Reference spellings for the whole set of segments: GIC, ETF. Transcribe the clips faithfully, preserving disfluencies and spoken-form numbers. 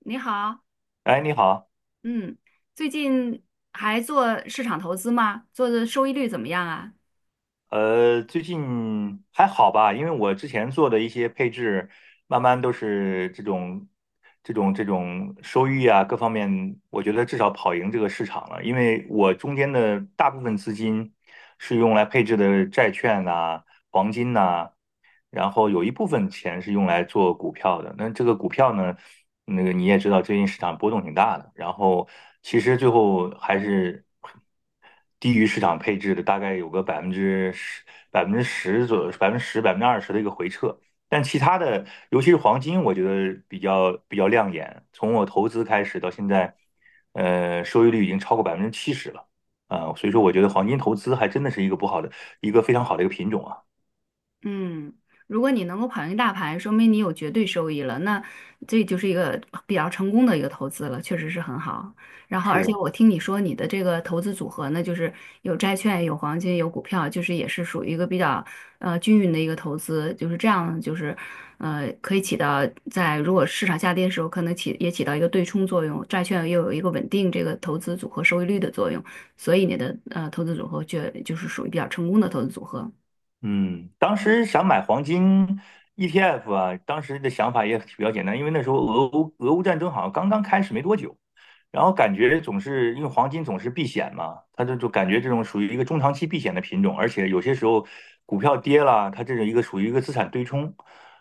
你好，哎，你好，嗯，最近还做市场投资吗？做的收益率怎么样啊？呃，最近还好吧？因为我之前做的一些配置，慢慢都是这种、这种、这种收益啊，各方面，我觉得至少跑赢这个市场了。因为我中间的大部分资金是用来配置的债券呐、黄金呐、然后有一部分钱是用来做股票的。那这个股票呢，那个你也知道，最近市场波动挺大的。然后其实最后还是低于市场配置的，大概有个百分之十、百分之十左右、百分之十、百分之二十的一个回撤。但其他的，尤其是黄金，我觉得比较比较亮眼。从我投资开始到现在，呃，收益率已经超过百分之七十了。啊、所以说我觉得黄金投资还真的是一个不好的，一个非常好的一个品种啊。嗯，如果你能够跑赢大盘，说明你有绝对收益了，那这就是一个比较成功的一个投资了，确实是很好。然后，而且是，我听你说你的这个投资组合呢，就是有债券、有黄金、有股票，就是也是属于一个比较呃均匀的一个投资，就是这样，就是呃可以起到在如果市场下跌的时候，可能起也起到一个对冲作用，债券又有一个稳定这个投资组合收益率的作用，所以你的呃投资组合就就是属于比较成功的投资组合。嗯，当时想买黄金 E T F 啊，当时的想法也比较简单，因为那时候俄乌俄乌战争好像刚刚开始没多久，然后感觉总是因为黄金总是避险嘛，它就就感觉这种属于一个中长期避险的品种，而且有些时候股票跌了，它这是一个属于一个资产对冲，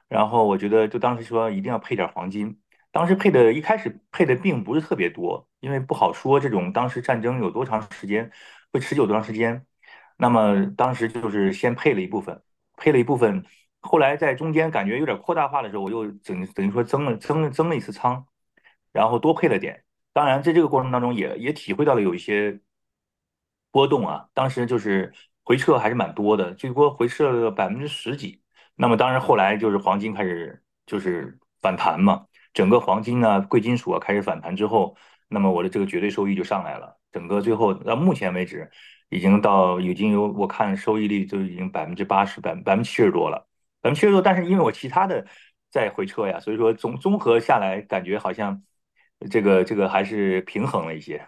然后我觉得就当时说一定要配点黄金，当时配的一开始配的并不是特别多，因为不好说这种当时战争有多长时间，会持久多长时间。那么当时就是先配了一部分，配了一部分，后来在中间感觉有点扩大化的时候，我又整等于说增了增了增了一次仓，然后多配了点。当然，在这个过程当中也也体会到了有一些波动啊，当时就是回撤还是蛮多的，最多回撤了百分之十几。那么当然后来就是黄金开始就是反弹嘛，整个黄金啊、贵金属啊开始反弹之后，那么我的这个绝对收益就上来了。整个最后到目前为止，已经到已经有我看收益率就已经百分之八十、百百分之七十多了，百分之七十多。但是因为我其他的在回撤呀，所以说综综合下来，感觉好像这个这个还是平衡了一些。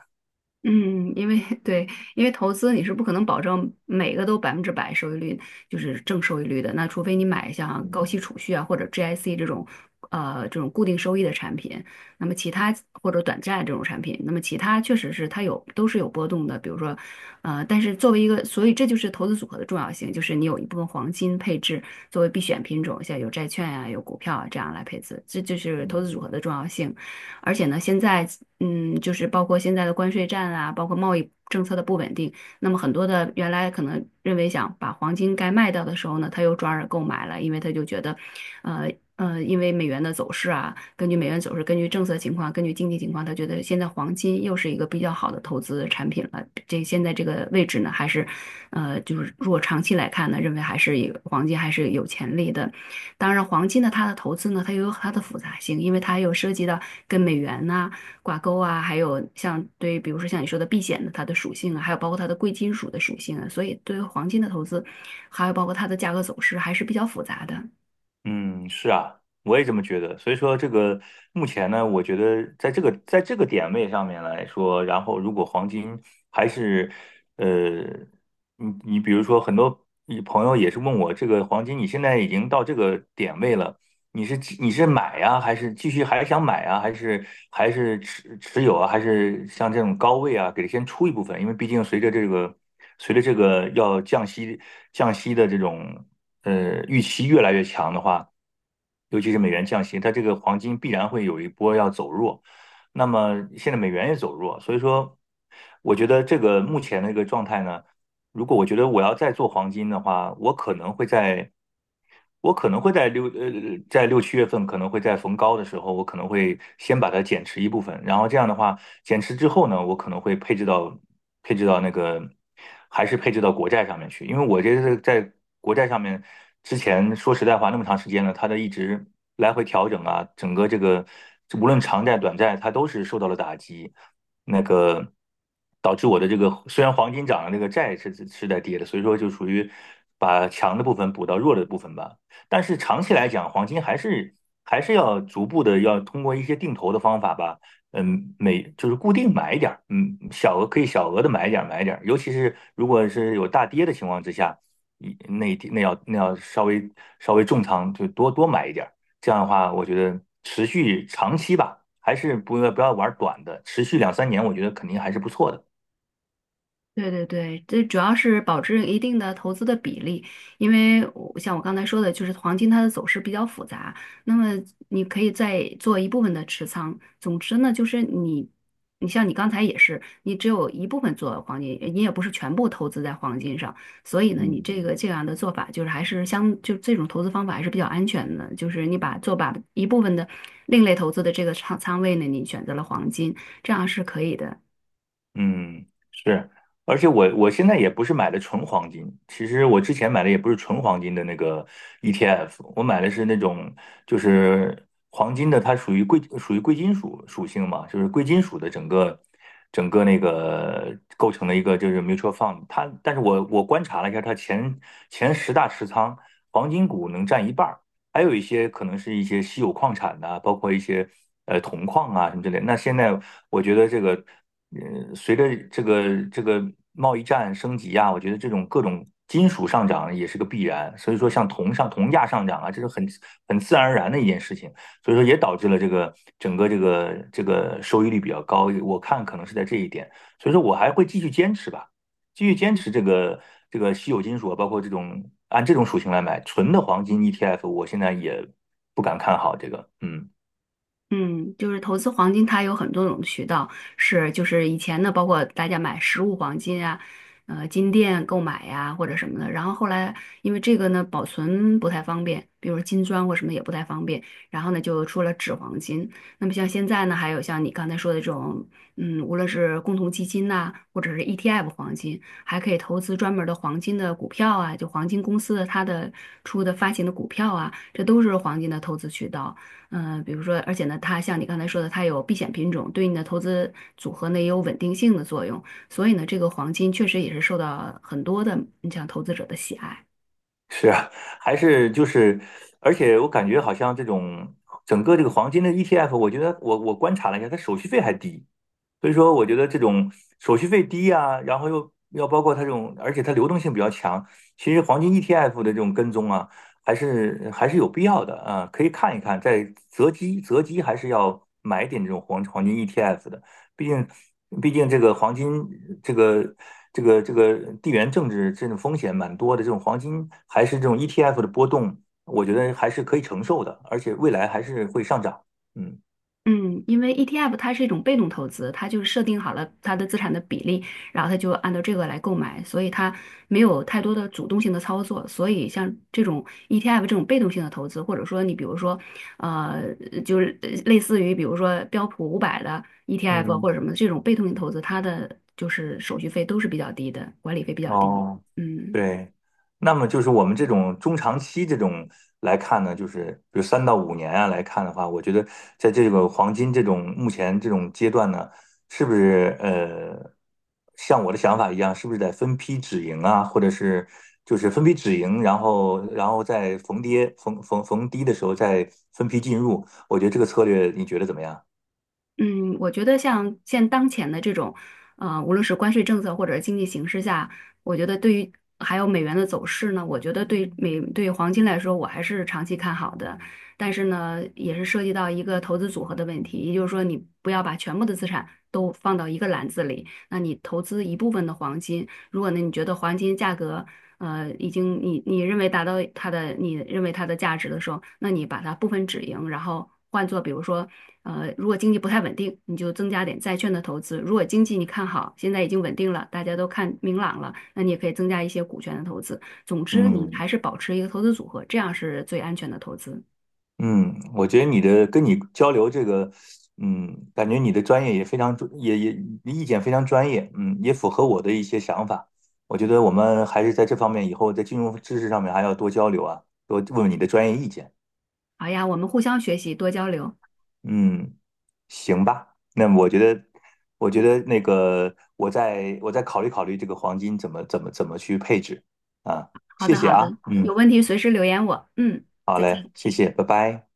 嗯，因为 对，因为投资你是不可能保证每个都百分之百收益率，就是正收益率的。那除非你买像高嗯息储蓄啊，或者 G I C 这种，呃，这种固定收益的产品。那么其他或者短债这种产品，那么其他确实是它有都是有波动的。比如说，呃，但是作为一个，所以这就是投资组合的重要性，就是你有一部分黄金配置作为必选品种，像有债券呀、有股票啊这样来配置，这就是投资嗯。组合的重要性。而且呢，现在嗯，就是包括现在的关税战啊，包括贸易政策的不稳定，那么很多的原来可能认为想把黄金该卖掉的时候呢，他又转而购买了，因为他就觉得，呃呃，因为美元的走势啊，根据美元走势，根据政策情况，根据经济情况，他觉得现在黄金又是一个比较好的投资产品了。这现在这个位置呢，还是，呃，就是如果长期来看呢，认为还是以黄金还是有潜力的。当然，黄金呢，它的投资呢，它又有它的复杂性，因为它有涉及到跟美元呐、挂钩啊，还有像对，比如说像你说的避险的它的属性啊，还有包括它的贵金属的属性啊，所以对于黄金的投资，还有包括它的价格走势还是比较复杂的。嗯，是啊，我也这么觉得。所以说，这个目前呢，我觉得在这个在这个点位上面来说，然后如果黄金还是呃，你你比如说很多你朋友也是问我，这个黄金你现在已经到这个点位了，你是继你是买呀，还是继续还想买啊，还是还是持持有啊，还是像这种高位啊，给它先出一部分，因为毕竟随着这个随着这个要降息降息的这种。呃预期越来越强的话，尤其是美元降息，它这个黄金必然会有一波要走弱。那么现在美元也走弱，所以说我觉得这个目前的一个状态呢。如果我觉得我要再做黄金的话，我可能会在，我可能会在六呃在六七月份，可能会在逢高的时候，我可能会先把它减持一部分，然后这样的话，减持之后呢，我可能会配置到配置到那个还是配置到国债上面去，因为我这是在国债上面之前说实在话那么长时间了，它的一直来回调整啊，整个这个无论长债短债，它都是受到了打击。那个导致我的这个虽然黄金涨了，那个债是是在跌的，所以说就属于把强的部分补到弱的部分吧。但是长期来讲，黄金还是还是要逐步的要通过一些定投的方法吧，嗯，每就是固定买一点儿，嗯，小额可以小额的买一点儿买一点儿，尤其是如果是有大跌的情况之下，一那一那要那要稍微稍微重仓就多多买一点儿。这样的话，我觉得持续长期吧，还是不要不要玩短的，持续两三年，我觉得肯定还是不错的。对对对，这主要是保持一定的投资的比例，因为我像我刚才说的，就是黄金它的走势比较复杂，那么你可以再做一部分的持仓。总之呢，就是你，你像你刚才也是，你只有一部分做黄金，你也不是全部投资在黄金上，所以呢，你这嗯个这样的做法就是还是相，就这种投资方法还是比较安全的，就是你把做把一部分的另类投资的这个仓仓位呢，你选择了黄金，这样是可以的。嗯，是，而且我我现在也不是买的纯黄金，其实我之前买的也不是纯黄金的那个 E T F，我买的是那种就是黄金的，它属于贵属于贵金属属性嘛，就是贵金属的整个整个那个构成了一个就是 mutual fund，它但是我我观察了一下，它前前十大持仓黄金股能占一半儿，还有一些可能是一些稀有矿产呐、包括一些呃铜矿啊什么之类的那现在我觉得这个，呃，随着这个这个贸易战升级啊，我觉得这种各种金属上涨也是个必然。所以说，像铜上铜价上涨啊，这是很很自然而然的一件事情。所以说，也导致了这个整个这个这个收益率比较高。我看可能是在这一点，所以说我还会继续坚持吧。继续坚持这个这个稀有金属啊，包括这种按这种属性来买纯的黄金 E T F，我现在也不敢看好这个，嗯。嗯，就是投资黄金，它有很多种渠道，是就是以前呢，包括大家买实物黄金啊，呃，金店购买呀、或者什么的。然后后来因为这个呢，保存不太方便，比如金砖或什么也不太方便，然后呢就出了纸黄金。那么像现在呢，还有像你刚才说的这种，嗯，无论是共同基金呐、或者是 E T F 黄金，还可以投资专门的黄金的股票啊，就黄金公司的它的出的发行的股票啊，这都是黄金的投资渠道。嗯、呃比如说，而且呢，它像你刚才说的，它有避险品种，对你的投资组合呢也有稳定性的作用。所以呢，这个黄金确实也是受到很多的你像投资者的喜爱。是啊，还是就是，而且我感觉好像这种整个这个黄金的 E T F，我觉得我我观察了一下，它手续费还低，所以说我觉得这种手续费低啊，然后又要包括它这种，而且它流动性比较强，其实黄金 E T F 的这种跟踪啊，还是还是有必要的啊，可以看一看，在择机择机还是要买点这种黄黄金 E T F 的。毕竟，毕竟这个黄金，这个这个这个地缘政治这种风险蛮多的，这种黄金还是这种 E T F 的波动，我觉得还是可以承受的，而且未来还是会上涨。嗯嗯，因为 E T F 它是一种被动投资，它就是设定好了它的资产的比例，然后它就按照这个来购买，所以它没有太多的主动性的操作。所以像这种 E T F 这种被动性的投资，或者说你比如说，呃，就是呃类似于比如说标普五百的 E T F 嗯。或者什么这种被动性投资，它的就是手续费都是比较低的，管理费比较低。哦，嗯。对，那么就是我们这种中长期这种来看呢，就是比如三到五年啊来看的话，我觉得在这个黄金这种目前这种阶段呢，是不是呃，像我的想法一样，是不是得分批止盈啊，或者是就是分批止盈，然后然后在逢跌逢逢逢低的时候再分批进入，我觉得这个策略你觉得怎么样？嗯，我觉得像现当前的这种，呃，无论是关税政策或者是经济形势下，我觉得对于还有美元的走势呢，我觉得对美对黄金来说，我还是长期看好的。但是呢，也是涉及到一个投资组合的问题，也就是说，你不要把全部的资产都放到一个篮子里，那你投资一部分的黄金。如果呢，你觉得黄金价格，呃，已经你你认为达到它的你认为它的价值的时候，那你把它部分止盈，然后换做比如说，呃，如果经济不太稳定，你就增加点债券的投资；如果经济你看好，现在已经稳定了，大家都看明朗了，那你也可以增加一些股权的投资。总之，你嗯。还是保持一个投资组合，这样是最安全的投资。嗯，我觉得你的跟你交流这个，嗯，感觉你的专业也非常专，也也意见非常专业，嗯，也符合我的一些想法。我觉得我们还是在这方面以后在金融知识上面还要多交流啊，多问问你的专业意见。好呀，我们互相学习，多交流。嗯，行吧，那我觉得，我觉得那个我再我再考虑考虑这个黄金怎么怎么怎么去配置啊。好谢的，谢好啊，的，有嗯，问题随时留言我。嗯，好再嘞，见。谢谢，拜拜。